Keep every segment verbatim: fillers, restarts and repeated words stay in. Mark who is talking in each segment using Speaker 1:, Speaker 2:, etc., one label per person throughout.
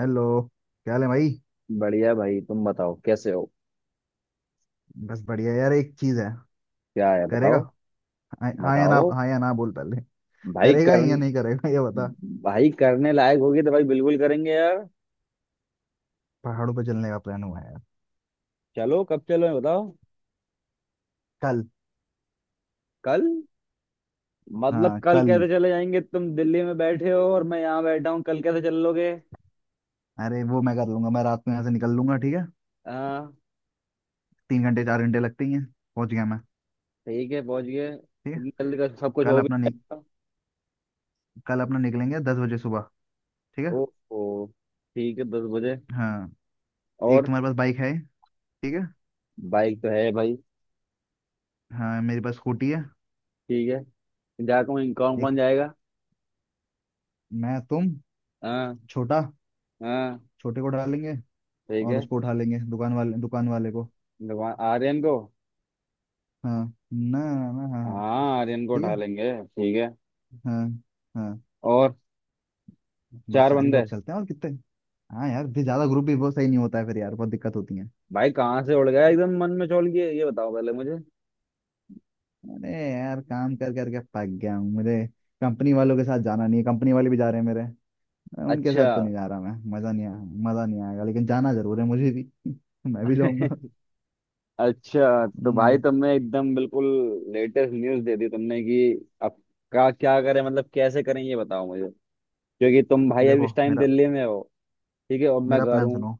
Speaker 1: Hello. क्या हाल है भाई।
Speaker 2: बढ़िया भाई, तुम बताओ कैसे हो।
Speaker 1: बस बढ़िया यार एक चीज है।
Speaker 2: क्या है,
Speaker 1: करेगा।
Speaker 2: बताओ।
Speaker 1: हाँ हाँ या ना।
Speaker 2: बताओ।
Speaker 1: हाँ या ना बोल पहले।
Speaker 2: भाई
Speaker 1: करेगा
Speaker 2: कर।
Speaker 1: या नहीं करेगा ये बता।
Speaker 2: भाई करने लायक होगी तो भाई बिल्कुल करेंगे यार।
Speaker 1: पहाड़ों पर चलने का प्लान हुआ है यार।
Speaker 2: चलो, कब चलो ये बताओ।
Speaker 1: कल।
Speaker 2: कल? मतलब
Speaker 1: हाँ
Speaker 2: कल
Speaker 1: कल।
Speaker 2: कैसे चले जाएंगे, तुम दिल्ली में बैठे हो और मैं यहाँ बैठा हूँ, कल कैसे चल लोगे।
Speaker 1: अरे वो मैं कर लूंगा। मैं रात में यहाँ से निकल लूंगा। ठीक है।
Speaker 2: हाँ।
Speaker 1: तीन घंटे चार घंटे लगते ही हैं। पहुंच गया मैं।
Speaker 2: ठीक है, पहुँच गए,
Speaker 1: ठीक है।
Speaker 2: इतनी जल्दी का सब कुछ
Speaker 1: कल
Speaker 2: हो
Speaker 1: अपना नि,
Speaker 2: गया।
Speaker 1: कल अपना निकलेंगे दस बजे सुबह। ठीक है।
Speaker 2: ओहो। ठीक है, दस बजे।
Speaker 1: हाँ। एक
Speaker 2: और?
Speaker 1: तुम्हारे पास बाइक है। ठीक है।
Speaker 2: बाइक तो है भाई।
Speaker 1: हाँ मेरे पास स्कूटी है।
Speaker 2: ठीक है। जा, कौन कौन
Speaker 1: एक
Speaker 2: कौन जाएगा।
Speaker 1: मैं तुम
Speaker 2: हाँ
Speaker 1: छोटा।
Speaker 2: हाँ
Speaker 1: छोटे को उठा लेंगे।
Speaker 2: ठीक
Speaker 1: और
Speaker 2: है।
Speaker 1: उसको उठा लेंगे दुकान वाले दुकान वाले को।
Speaker 2: दुकान आर्यन को?
Speaker 1: हाँ ना ना हाँ हाँ।
Speaker 2: हाँ आर्यन को
Speaker 1: ठीक है।
Speaker 2: उठा लेंगे ठीक है।
Speaker 1: हाँ। हाँ।
Speaker 2: और?
Speaker 1: बस
Speaker 2: चार
Speaker 1: चार ही
Speaker 2: बंदे।
Speaker 1: लोग चलते हैं और कितने। हाँ यार फिर ज्यादा ग्रुप भी बहुत सही नहीं होता है फिर यार बहुत दिक्कत होती है।
Speaker 2: भाई कहाँ से उड़ गया एकदम मन में चौल किए, ये बताओ पहले मुझे।
Speaker 1: अरे यार काम कर करके पक गया हूँ मुझे। कंपनी वालों के साथ जाना नहीं है। कंपनी वाले भी जा रहे हैं मेरे। उनके
Speaker 2: अच्छा।
Speaker 1: साथ तो नहीं जा रहा मैं। मजा नहीं आया। मजा नहीं आएगा लेकिन जाना जरूर है मुझे भी। मैं भी जाऊंगा।
Speaker 2: अच्छा तो भाई
Speaker 1: हम्म,
Speaker 2: तुमने एकदम बिल्कुल लेटेस्ट न्यूज़ दे दी तुमने कि अब का क्या करें, मतलब कैसे करें ये बताओ मुझे, क्योंकि तुम भाई अभी
Speaker 1: देखो
Speaker 2: इस टाइम
Speaker 1: मेरा।
Speaker 2: दिल्ली में हो। ठीक है, और मैं
Speaker 1: मेरा
Speaker 2: घर
Speaker 1: प्लान
Speaker 2: हूँ।
Speaker 1: सुनो।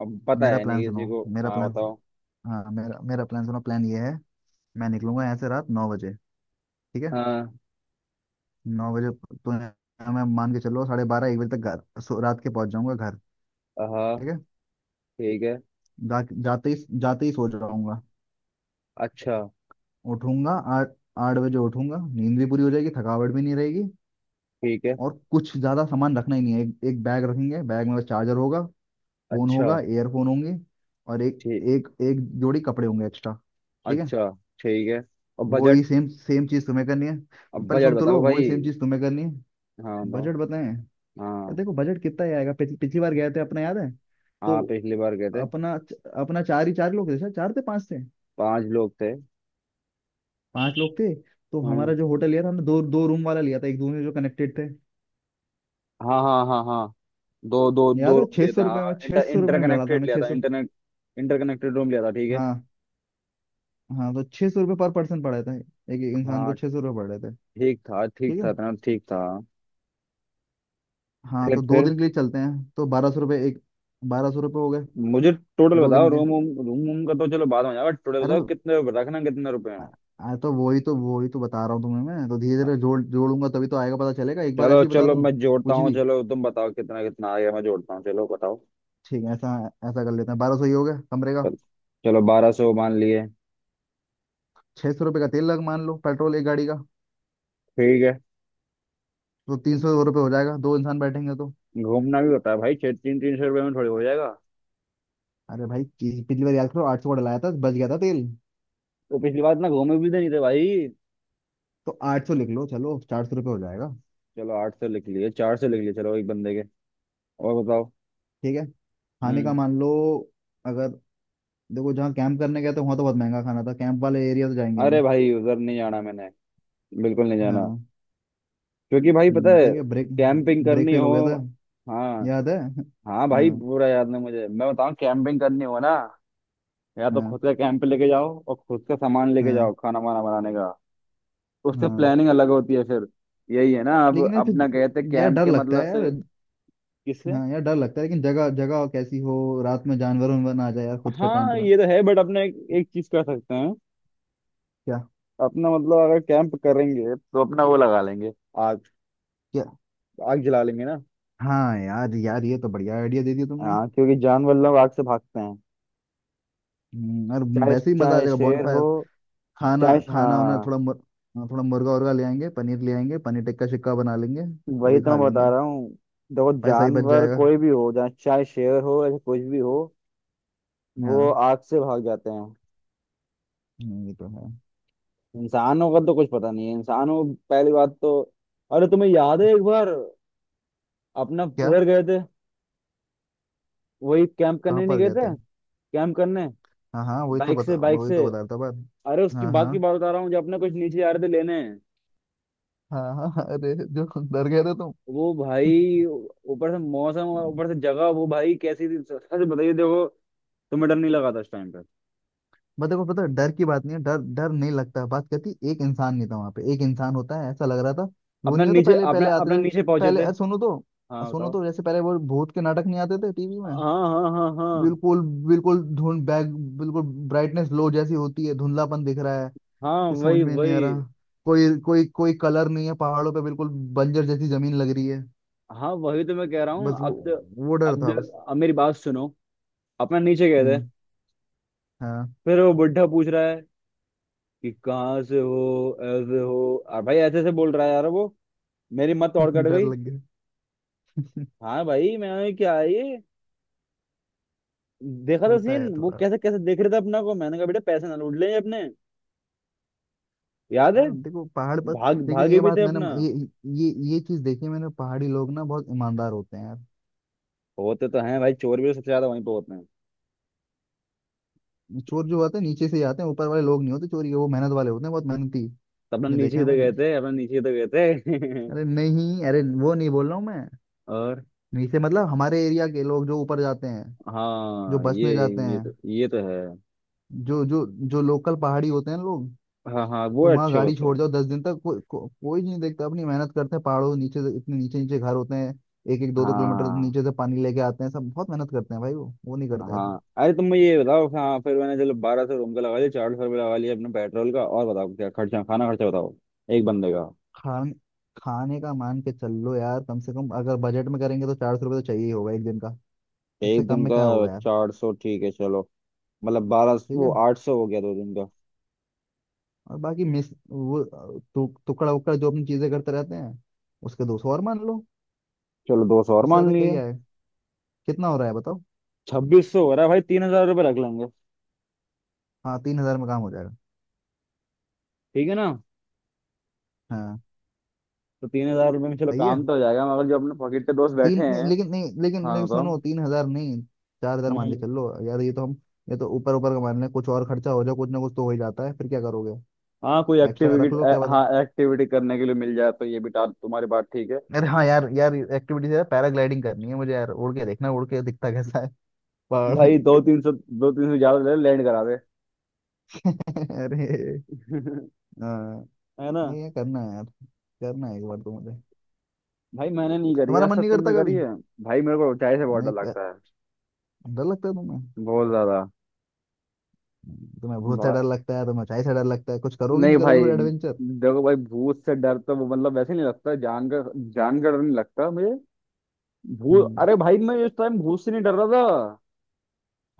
Speaker 2: अब पता
Speaker 1: मेरा
Speaker 2: है
Speaker 1: प्लान
Speaker 2: नहीं
Speaker 1: सुनो।
Speaker 2: किसी को।
Speaker 1: मेरा
Speaker 2: हाँ
Speaker 1: प्लान।
Speaker 2: बताओ।
Speaker 1: हाँ मेरा मेरा प्लान सुनो। प्लान ये है। मैं निकलूंगा यहाँ से रात नौ बजे। ठीक है।
Speaker 2: हाँ
Speaker 1: नौ बजे। तो मैं मान के चलो साढ़े बारह एक बजे तक घर सो- रात के पहुंच जाऊंगा घर।
Speaker 2: हाँ
Speaker 1: ठीक है।
Speaker 2: ठीक है।
Speaker 1: जा, जाते ही। जाते ही सो जाऊंगा।
Speaker 2: अच्छा।
Speaker 1: उठूंगा। आठ। आठ बजे उठूंगा। नींद भी पूरी हो जाएगी। थकावट भी नहीं रहेगी।
Speaker 2: ठीक है।
Speaker 1: और कुछ ज्यादा सामान रखना ही नहीं है। एक, एक बैग रखेंगे। बैग में बस चार्जर होगा। फोन
Speaker 2: अच्छा।
Speaker 1: होगा। एयरफोन होंगे। और एक।
Speaker 2: ठीक।
Speaker 1: एक एक जोड़ी कपड़े होंगे एक्स्ट्रा। ठीक है।
Speaker 2: अच्छा। ठीक है। और
Speaker 1: वही
Speaker 2: बजट?
Speaker 1: सेम सेम चीज तुम्हें करनी है।
Speaker 2: अब
Speaker 1: पहले
Speaker 2: बजट
Speaker 1: सुन तो लो।
Speaker 2: बताओ भाई।
Speaker 1: वही सेम चीज तुम्हें करनी है।
Speaker 2: हाँ बताओ।
Speaker 1: बजट बताएं। और
Speaker 2: हाँ
Speaker 1: देखो बजट कितना ही आएगा। पिछ, पिछली बार गए थे अपना। याद है
Speaker 2: हाँ
Speaker 1: तो।
Speaker 2: पिछली बार गए थे।
Speaker 1: अपना। अपना चार ही चार लोग थे शायद। चार थे पांच थे।
Speaker 2: पांच लोग थे।
Speaker 1: पांच लोग थे। तो
Speaker 2: हाँ
Speaker 1: हमारा जो होटल लिया था हमने दो दो रूम वाला लिया था। एक दूसरे जो कनेक्टेड थे।
Speaker 2: हाँ हाँ हाँ। हाँ दो दो दो
Speaker 1: याद है
Speaker 2: रूम
Speaker 1: छह
Speaker 2: लिया
Speaker 1: सौ
Speaker 2: था,
Speaker 1: रुपये में।
Speaker 2: हाँ
Speaker 1: छह
Speaker 2: इंटर
Speaker 1: सौ रुपये में मिला था
Speaker 2: इंटरकनेक्टेड
Speaker 1: हमें।
Speaker 2: लिया
Speaker 1: छह
Speaker 2: था,
Speaker 1: सौ
Speaker 2: इंटरनेट इंटरकनेक्टेड रूम लिया था ठीक है।
Speaker 1: हाँ। हाँ तो छह सौ रुपये पर पर्सन पड़े थे। एक एक इंसान को
Speaker 2: हाँ।
Speaker 1: छह सौ रुपये पड़ रहे थे।
Speaker 2: ठीक था ठीक
Speaker 1: ठीक है।
Speaker 2: था, इतना ठीक था।
Speaker 1: हाँ
Speaker 2: फिर
Speaker 1: तो दो
Speaker 2: फिर
Speaker 1: दिन के लिए चलते हैं तो बारह सौ रुपये एक। बारह सौ रुपये हो गए।
Speaker 2: मुझे टोटल
Speaker 1: दो
Speaker 2: बताओ।
Speaker 1: दिन के।
Speaker 2: रूम रूम रूम रूम का तो चलो बाद में जाओ, बट टोटल
Speaker 1: अरे।
Speaker 2: बताओ कितने रुपए रखना, कितने रुपए
Speaker 1: आ,
Speaker 2: हैं।
Speaker 1: आ, तो वही तो वही तो बता रहा हूँ तुम्हें। मैं तो धीरे
Speaker 2: हाँ,
Speaker 1: धीरे जोड़ जोड़ूंगा तभी तो आएगा पता चलेगा। एक बार ऐसे
Speaker 2: चलो
Speaker 1: ही बता
Speaker 2: चलो
Speaker 1: दूं।
Speaker 2: मैं जोड़ता
Speaker 1: कुछ
Speaker 2: हूँ,
Speaker 1: भी।
Speaker 2: चलो तुम बताओ कितना कितना आ गया, मैं जोड़ता हूँ, चलो बताओ।
Speaker 1: ठीक है ऐसा। ऐसा कर लेते हैं। बारह सौ ही हो गया कमरे का।
Speaker 2: चल- चलो बारह सौ मान लिए।
Speaker 1: छह सौ रुपये का तेल लग मान लो पेट्रोल एक गाड़ी का।
Speaker 2: ठीक है।
Speaker 1: तो तीन सौ रुपये हो जाएगा दो इंसान बैठेंगे तो।
Speaker 2: घूमना भी होता है भाई, छः तीन तीन सौ रुपये में थोड़ी हो जाएगा।
Speaker 1: अरे भाई पी- पिछली बार याद करो आठ सौ का डलाया था। बच गया था तेल।
Speaker 2: तो पिछली बार इतना घूमे भी तो नहीं थे भाई।
Speaker 1: तो आठ सौ लिख लो चलो। चार सौ रुपये हो जाएगा।
Speaker 2: चलो आठ सौ लिख लिए, चार सौ लिख लिए, चलो एक बंदे के। और बताओ।
Speaker 1: ठीक है। खाने का
Speaker 2: हम्म।
Speaker 1: मान लो। अगर देखो जहाँ कैंप करने गए थे वहाँ तो बहुत महंगा खाना था। कैंप वाले एरिया तो जाएंगे
Speaker 2: अरे
Speaker 1: नहीं।
Speaker 2: भाई उधर नहीं जाना मैंने, बिल्कुल नहीं जाना,
Speaker 1: हाँ।
Speaker 2: क्योंकि भाई पता
Speaker 1: हम्म,
Speaker 2: है।
Speaker 1: ठीक है ब्रेक।
Speaker 2: कैंपिंग
Speaker 1: ब्रेक
Speaker 2: करनी
Speaker 1: फेल
Speaker 2: हो।
Speaker 1: हो गया था
Speaker 2: हाँ।
Speaker 1: याद है।
Speaker 2: हाँ भाई
Speaker 1: हाँ
Speaker 2: पूरा याद नहीं मुझे, मैं बताऊँ कैंपिंग करनी हो ना, या तो
Speaker 1: हाँ
Speaker 2: खुद का कैंप लेके जाओ और खुद का सामान लेके जाओ
Speaker 1: हाँ
Speaker 2: खाना वाना बनाने का। उससे
Speaker 1: हाँ।
Speaker 2: प्लानिंग अलग होती है फिर। यही है ना, अब
Speaker 1: लेकिन यार
Speaker 2: अपना गए थे
Speaker 1: फिर। यार
Speaker 2: कैंप
Speaker 1: डर
Speaker 2: के
Speaker 1: लगता
Speaker 2: मतलब
Speaker 1: है यार।
Speaker 2: से। किससे?
Speaker 1: हाँ यार डर लगता है लेकिन जगह जगह कैसी हो। रात में जानवर उनवर ना आ जाए यार खुद का टेंट
Speaker 2: हाँ
Speaker 1: में।
Speaker 2: ये तो है, बट अपने एक, एक चीज कर सकते हैं।
Speaker 1: क्या।
Speaker 2: अपना मतलब अगर कैंप करेंगे तो अपना वो लगा लेंगे। आग।
Speaker 1: क्या।
Speaker 2: आग जला लेंगे ना।
Speaker 1: हाँ यार। यार ये तो बढ़िया आइडिया दे दिया तुमने।
Speaker 2: हाँ क्योंकि जानवर लोग आग से भागते हैं।
Speaker 1: हम्म, और।
Speaker 2: चाहे
Speaker 1: वैसे ही मजा आ
Speaker 2: चाहे
Speaker 1: जाएगा
Speaker 2: शेर हो।
Speaker 1: बॉनफायर। खाना
Speaker 2: चाहे
Speaker 1: खाना उना
Speaker 2: हाँ।
Speaker 1: थोड़ा मुर, थोड़ा मुर्गा उर्गा ले आएंगे। पनीर ले आएंगे। पनीर टिक्का शिक्का बना लेंगे। वो
Speaker 2: वही
Speaker 1: भी
Speaker 2: तो
Speaker 1: खा
Speaker 2: मैं
Speaker 1: लेंगे।
Speaker 2: बता रहा हूँ। देखो
Speaker 1: पैसा ही बच
Speaker 2: जानवर
Speaker 1: जाएगा।
Speaker 2: कोई भी हो, चाहे चाहे शेर हो या कुछ भी हो, वो
Speaker 1: हाँ।
Speaker 2: आग से भाग जाते हैं।
Speaker 1: हम्म, ये तो है।
Speaker 2: इंसानों का तो कुछ पता नहीं है, इंसानों को, पहली बात तो। अरे तुम्हें याद है एक बार अपना
Speaker 1: क्या।
Speaker 2: उधर गए थे, वही कैंप
Speaker 1: कहाँ
Speaker 2: करने नहीं
Speaker 1: पर
Speaker 2: गए
Speaker 1: गए थे।
Speaker 2: थे। कैंप करने।
Speaker 1: हाँ हाँ वही तो
Speaker 2: बाइक
Speaker 1: बता
Speaker 2: से बाइक
Speaker 1: वही
Speaker 2: से।
Speaker 1: तो बता रहा था बात।
Speaker 2: अरे उसकी
Speaker 1: हाँ
Speaker 2: बात की
Speaker 1: हाँ
Speaker 2: बात बता रहा हूँ जब अपने कुछ नीचे आ रहे थे लेने।
Speaker 1: हाँ हाँ हाँ, अरे जो। डर गए थे तुम।
Speaker 2: वो भाई ऊपर से मौसम और ऊपर से जगह, वो भाई कैसी थी, सच बताइए, देखो तुम्हें डर नहीं लगा था उस टाइम पर?
Speaker 1: बट देखो पता है, डर की बात नहीं है। डर डर नहीं लगता है। बात कहती एक इंसान नहीं था वहां पे। एक इंसान होता है ऐसा लग रहा था। वो
Speaker 2: अपना
Speaker 1: नहीं होता
Speaker 2: नीचे
Speaker 1: पहले
Speaker 2: अपना
Speaker 1: पहले आते
Speaker 2: अपना
Speaker 1: थे।
Speaker 2: नीचे पहुंचे
Speaker 1: पहले
Speaker 2: थे।
Speaker 1: अ, सुनो तो। अ,
Speaker 2: हाँ
Speaker 1: सुनो
Speaker 2: बताओ।
Speaker 1: तो जैसे पहले वो भूत के नाटक नहीं आते थे टीवी में।
Speaker 2: हाँ हाँ हाँ हाँ।
Speaker 1: बिल्कुल। बिल्कुल धुंध बैक। बिल्कुल ब्राइटनेस लो जैसी होती है। धुंधलापन दिख रहा है।
Speaker 2: हाँ
Speaker 1: कुछ समझ
Speaker 2: वही
Speaker 1: में नहीं आ रहा।
Speaker 2: वही।
Speaker 1: कोई कोई कोई कलर नहीं है पहाड़ों पे बिल्कुल। बंजर जैसी जमीन लग रही है।
Speaker 2: हाँ वही तो मैं कह रहा हूँ।
Speaker 1: बस वो।
Speaker 2: अब।
Speaker 1: वो डर
Speaker 2: अब
Speaker 1: था बस।
Speaker 2: अब मेरी बात सुनो। अपना नीचे गए थे,
Speaker 1: हम्म। हाँ।
Speaker 2: फिर वो बुढ़ा पूछ रहा है कि कहाँ से हो, ऐसे हो, और भाई ऐसे ऐसे बोल रहा है यार वो, मेरी मत और कट
Speaker 1: डर
Speaker 2: गई।
Speaker 1: लग गया।
Speaker 2: हाँ भाई, मैंने क्या है ये देखा था
Speaker 1: होता
Speaker 2: सीन,
Speaker 1: है
Speaker 2: वो
Speaker 1: थोड़ा।
Speaker 2: कैसे कैसे देख रहे थे अपना को, मैंने कहा बेटा पैसे ना लूट लें ये अपने। याद है,
Speaker 1: यार देखो पहाड़ पर।
Speaker 2: भाग
Speaker 1: लेकिन
Speaker 2: भागे
Speaker 1: ये
Speaker 2: भी
Speaker 1: बात
Speaker 2: थे
Speaker 1: मैंने
Speaker 2: अपना।
Speaker 1: ये ये ये चीज देखी है मैंने। पहाड़ी लोग ना बहुत ईमानदार होते हैं यार।
Speaker 2: होते तो हैं भाई, चोर भी तो सबसे ज्यादा वहीं पे होते हैं।
Speaker 1: चोर जो होते हैं नीचे से ही आते हैं। ऊपर वाले लोग नहीं होते चोरी के। वो मेहनत वाले होते हैं बहुत मेहनती।
Speaker 2: तो अपना
Speaker 1: ये
Speaker 2: नीचे
Speaker 1: देखा
Speaker 2: ही
Speaker 1: है
Speaker 2: तो गए
Speaker 1: मैंने।
Speaker 2: थे, अपना नीचे ही तो गए थे।
Speaker 1: अरे नहीं। अरे वो नहीं बोल रहा हूँ मैं।
Speaker 2: और?
Speaker 1: नीचे मतलब हमारे एरिया के लोग जो ऊपर जाते हैं। जो
Speaker 2: हाँ ये।
Speaker 1: बसने जाते
Speaker 2: ये
Speaker 1: हैं।
Speaker 2: तो, ये तो है।
Speaker 1: जो जो जो लोकल पहाड़ी होते हैं लोग।
Speaker 2: हाँ हाँ वो
Speaker 1: तुम वहाँ
Speaker 2: अच्छे
Speaker 1: गाड़ी
Speaker 2: होते
Speaker 1: छोड़
Speaker 2: हैं।
Speaker 1: जाओ दस दिन तक को, को, कोई नहीं देखता। अपनी मेहनत करते हैं पहाड़ों। नीचे से- इतने नीचे नीचे घर होते हैं। एक एक दो दो किलोमीटर
Speaker 2: हाँ
Speaker 1: नीचे से पानी लेके आते हैं। सब बहुत मेहनत करते हैं भाई। वो वो नहीं करता ऐसे।
Speaker 2: हाँ। अरे तुम मुझे ये बताओ। हाँ फिर मैंने चलो बारह सौ रूम का लगा लिया, चार सौ रुपये लगा लिया अपने पेट्रोल का, और बताओ क्या खर्चा, खाना खर्चा बताओ एक बंदे का।
Speaker 1: खान खाने का मान के चल लो यार। कम से कम अगर बजट में करेंगे तो चार सौ रुपये तो चाहिए ही होगा एक दिन का। इससे
Speaker 2: एक
Speaker 1: कम
Speaker 2: दिन
Speaker 1: में
Speaker 2: का
Speaker 1: क्या होगा यार।
Speaker 2: चार सौ ठीक है चलो। मतलब बारह,
Speaker 1: ठीक
Speaker 2: वो
Speaker 1: है।
Speaker 2: आठ सौ हो गया दो दिन का।
Speaker 1: और बाकी मिस वो। टु, टुकड़ा उकड़ा जो अपनी चीजें करते रहते हैं उसके दो सौ और मान लो।
Speaker 2: चलो दो सौ और
Speaker 1: उससे
Speaker 2: मान
Speaker 1: ज्यादा क्या
Speaker 2: लिए।
Speaker 1: ही आए। कितना हो रहा है बताओ।
Speaker 2: छब्बीस सौ हो रहा है भाई, तीन हजार रुपये रख लेंगे,
Speaker 1: हाँ तीन हजार में काम हो जाएगा।
Speaker 2: ठीक है ना।
Speaker 1: हाँ
Speaker 2: तो तीन हजार रुपये में चलो
Speaker 1: सही है।
Speaker 2: काम तो हो जाएगा, मगर जो अपने पॉकेट के दोस्त बैठे
Speaker 1: तीन नहीं,
Speaker 2: हैं।
Speaker 1: लेकिन नहीं लेकिन
Speaker 2: हाँ
Speaker 1: लेकिन
Speaker 2: बताओ।
Speaker 1: सुनो तीन हजार नहीं। चार हजार मान के
Speaker 2: हम्म।
Speaker 1: चल लो यार। ये तो हम। ये तो ऊपर ऊपर का मान लें कुछ और खर्चा हो जाए। कुछ ना कुछ तो हो ही जाता है। फिर क्या करोगे।
Speaker 2: हाँ, कोई
Speaker 1: एक्स्ट्रा रख लो क्या
Speaker 2: एक्टिविटी।
Speaker 1: पता।
Speaker 2: हाँ एक्टिविटी करने के लिए मिल जाए, तो ये भी, टा- तुम्हारी बात ठीक है।
Speaker 1: अरे हाँ यार। यार एक्टिविटीज यार पैराग्लाइडिंग करनी है मुझे यार। उड़ के देखना उड़ के दिखता कैसा है पहाड़।
Speaker 2: भाई दो तीन सौ, दो तीन सौ ज्यादा ले लैंड करा दे।
Speaker 1: अरे। हाँ।
Speaker 2: है ना?
Speaker 1: नहीं ये करना है यार। करना है एक बार तो मुझे।
Speaker 2: भाई मैंने नहीं करी
Speaker 1: तुम्हारा
Speaker 2: आज
Speaker 1: मन
Speaker 2: तक,
Speaker 1: नहीं करता
Speaker 2: तुमने करी
Speaker 1: कभी।
Speaker 2: है? भाई मेरे को ऊंचाई से बहुत डर
Speaker 1: नहीं कर...
Speaker 2: लगता है।
Speaker 1: डर लगता है तुम्हें।
Speaker 2: बहुत ज्यादा।
Speaker 1: तुम्हें भूत से
Speaker 2: भा-
Speaker 1: डर लगता है। तुम्हें ऊंचाई से डर लगता है। कुछ करोगे
Speaker 2: नहीं
Speaker 1: नहीं करोगे
Speaker 2: भाई,
Speaker 1: फिर एडवेंचर।
Speaker 2: देखो भाई भूत से डर तो वो मतलब वैसे नहीं लगता, जान का, जान का डर नहीं लगता मुझे। भूत,
Speaker 1: हम्म।
Speaker 2: अरे भाई मैं इस टाइम भूत से नहीं डर रहा था।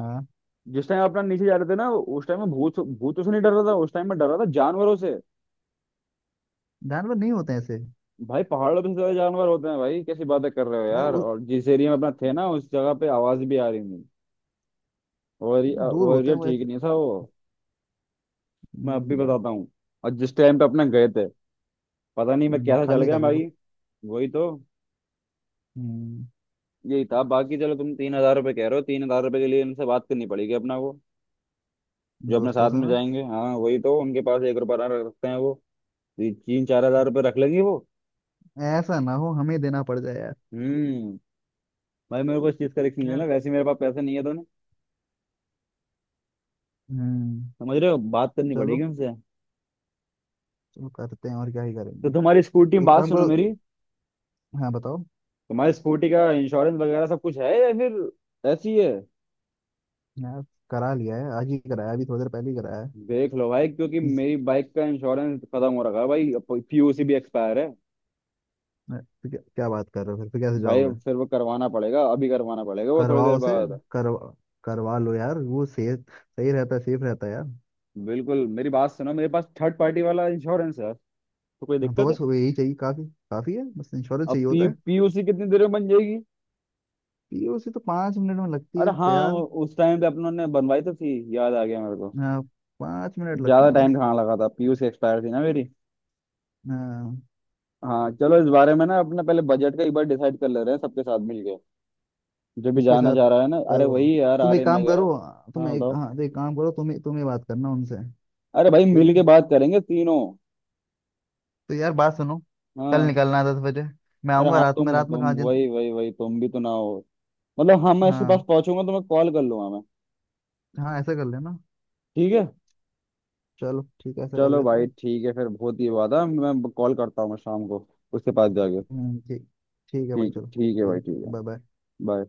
Speaker 1: हाँ।
Speaker 2: जिस टाइम अपना नीचे जा रहे थे ना, उस टाइम में भूत, भूतों से नहीं डर रहा था, उस टाइम में डर रहा था जानवरों से।
Speaker 1: जानवर नहीं होते ऐसे।
Speaker 2: भाई पहाड़ों पे सबसे ज्यादा जानवर होते हैं भाई, कैसी बातें कर रहे हो
Speaker 1: अरे
Speaker 2: यार।
Speaker 1: वो
Speaker 2: और जिस एरिया में अपना थे ना, उस जगह पे आवाज भी आ रही थी। वो एरिया,
Speaker 1: दूर
Speaker 2: वो
Speaker 1: होते
Speaker 2: एरिया
Speaker 1: हैं
Speaker 2: ठीक
Speaker 1: वैसे।
Speaker 2: नहीं था वो। मैं अब भी
Speaker 1: हम्म,
Speaker 2: बताता हूँ। और जिस टाइम पे अपने गए थे, पता नहीं मैं
Speaker 1: हम्म,
Speaker 2: कैसा चल
Speaker 1: खाली था
Speaker 2: गया
Speaker 1: बिल्कुल।
Speaker 2: भाई। वही तो।
Speaker 1: हम्म,
Speaker 2: यही था। बाकी चलो तुम तीन हजार रुपये कह रहे हो, तीन हजार रुपये के लिए इनसे बात करनी पड़ेगी अपना को, जो अपने
Speaker 1: दोस्तों
Speaker 2: साथ
Speaker 1: से
Speaker 2: में
Speaker 1: ना।
Speaker 2: जाएंगे। हाँ वही तो, उनके पास एक रुपया रखते हैं वो। तीन चार हजार रुपये रख लेंगे वो।
Speaker 1: ऐसा ना हो हमें देना पड़ जाए यार।
Speaker 2: हम्म। भाई मेरे को इस चीज का रिस्क नहीं
Speaker 1: यार।
Speaker 2: लेना, वैसे ही मेरे पास पैसे नहीं है तो ना,
Speaker 1: हम्म।
Speaker 2: समझ रहे हो, बात करनी पड़ेगी
Speaker 1: चलो।
Speaker 2: उनसे।
Speaker 1: चलो करते हैं और क्या ही
Speaker 2: तो
Speaker 1: करेंगे।
Speaker 2: तुम्हारी स्कूटी,
Speaker 1: एक
Speaker 2: बात
Speaker 1: काम
Speaker 2: सुनो
Speaker 1: करो।
Speaker 2: मेरी,
Speaker 1: हाँ बताओ।
Speaker 2: तुम्हारी स्कूटी का इंश्योरेंस वगैरह सब कुछ है या फिर ऐसी है?
Speaker 1: यार करा लिया है आज ही। कराया अभी थोड़ी देर पहले ही कराया है।
Speaker 2: देख लो भाई, क्योंकि
Speaker 1: हम्म,
Speaker 2: मेरी बाइक का इंश्योरेंस खत्म हो रखा है भाई, पी यू सी भी एक्सपायर है।
Speaker 1: तो क्या, क्या बात कर रहे हो फिर। फिर कैसे
Speaker 2: भाई
Speaker 1: जाओगे।
Speaker 2: फिर वो करवाना पड़ेगा, अभी करवाना पड़ेगा वो थोड़ी देर
Speaker 1: करवाओ उसे।
Speaker 2: बाद।
Speaker 1: करवा। करवा लो यार। वो सेफ सही रहता है। सेफ रहता है यार।
Speaker 2: बिल्कुल। मेरी बात सुनो, मेरे पास थर्ड पार्टी वाला इंश्योरेंस है, तो कोई
Speaker 1: हाँ, तो
Speaker 2: दिक्कत है?
Speaker 1: बस वो यही चाहिए। काफी। काफी है। बस इंश्योरेंस
Speaker 2: अब
Speaker 1: चाहिए होता
Speaker 2: पी
Speaker 1: है।
Speaker 2: पीयूसी कितनी देर में बन जाएगी?
Speaker 1: ये उसे तो पाँच मिनट में लगती
Speaker 2: अरे
Speaker 1: है
Speaker 2: हाँ,
Speaker 1: तैयार।
Speaker 2: उस टाइम पे अपनों ने बनवाई तो थी, याद आ गया मेरे को।
Speaker 1: हाँ, पाँच मिनट लगते
Speaker 2: ज्यादा
Speaker 1: हैं
Speaker 2: टाइम
Speaker 1: बस।
Speaker 2: कहाँ लगा था, पी यू सी एक्सपायर थी ना मेरी।
Speaker 1: हाँ,
Speaker 2: हाँ चलो इस बारे में ना अपना पहले बजट का एक बार डिसाइड कर ले रहे हैं सबके साथ मिलके, जो भी
Speaker 1: किसके
Speaker 2: जाना
Speaker 1: साथ।
Speaker 2: चाह रहा है ना, अरे
Speaker 1: करो
Speaker 2: वही यार
Speaker 1: तुम एक
Speaker 2: आर्यन
Speaker 1: काम करो।
Speaker 2: वगैरह।
Speaker 1: तुम
Speaker 2: हाँ
Speaker 1: एक
Speaker 2: बताओ।
Speaker 1: हाँ तो एक काम करो तुम तुम ही बात करना उनसे।
Speaker 2: अरे भाई
Speaker 1: ठीक
Speaker 2: मिल
Speaker 1: है।
Speaker 2: के बात करेंगे तीनों।
Speaker 1: तो यार बात सुनो। कल
Speaker 2: हाँ।
Speaker 1: निकलना है दस बजे। मैं
Speaker 2: अरे
Speaker 1: आऊंगा
Speaker 2: हाँ
Speaker 1: रात
Speaker 2: तुम
Speaker 1: में।
Speaker 2: हो,
Speaker 1: रात में
Speaker 2: तुम
Speaker 1: कहाँ जिन।
Speaker 2: वही वही वही, तुम भी तो ना हो। मतलब हाँ, मैं इसके पास
Speaker 1: हाँ।
Speaker 2: पहुंचूंगा तो मैं कॉल कर लूंगा मैं।
Speaker 1: हाँ ऐसा कर लेना।
Speaker 2: ठीक है।
Speaker 1: चलो ठीक है। ऐसा कर
Speaker 2: चलो
Speaker 1: लेते
Speaker 2: भाई
Speaker 1: हैं।
Speaker 2: ठीक है फिर, बहुत ही बात है, मैं कॉल करता हूँ मैं शाम को उसके पास जाके।
Speaker 1: हम्म, ठीक। ठीक है भाई
Speaker 2: ठीक,
Speaker 1: चलो।
Speaker 2: ठीक है भाई,
Speaker 1: ठीक।
Speaker 2: ठीक है।
Speaker 1: Bye bye.
Speaker 2: बाय।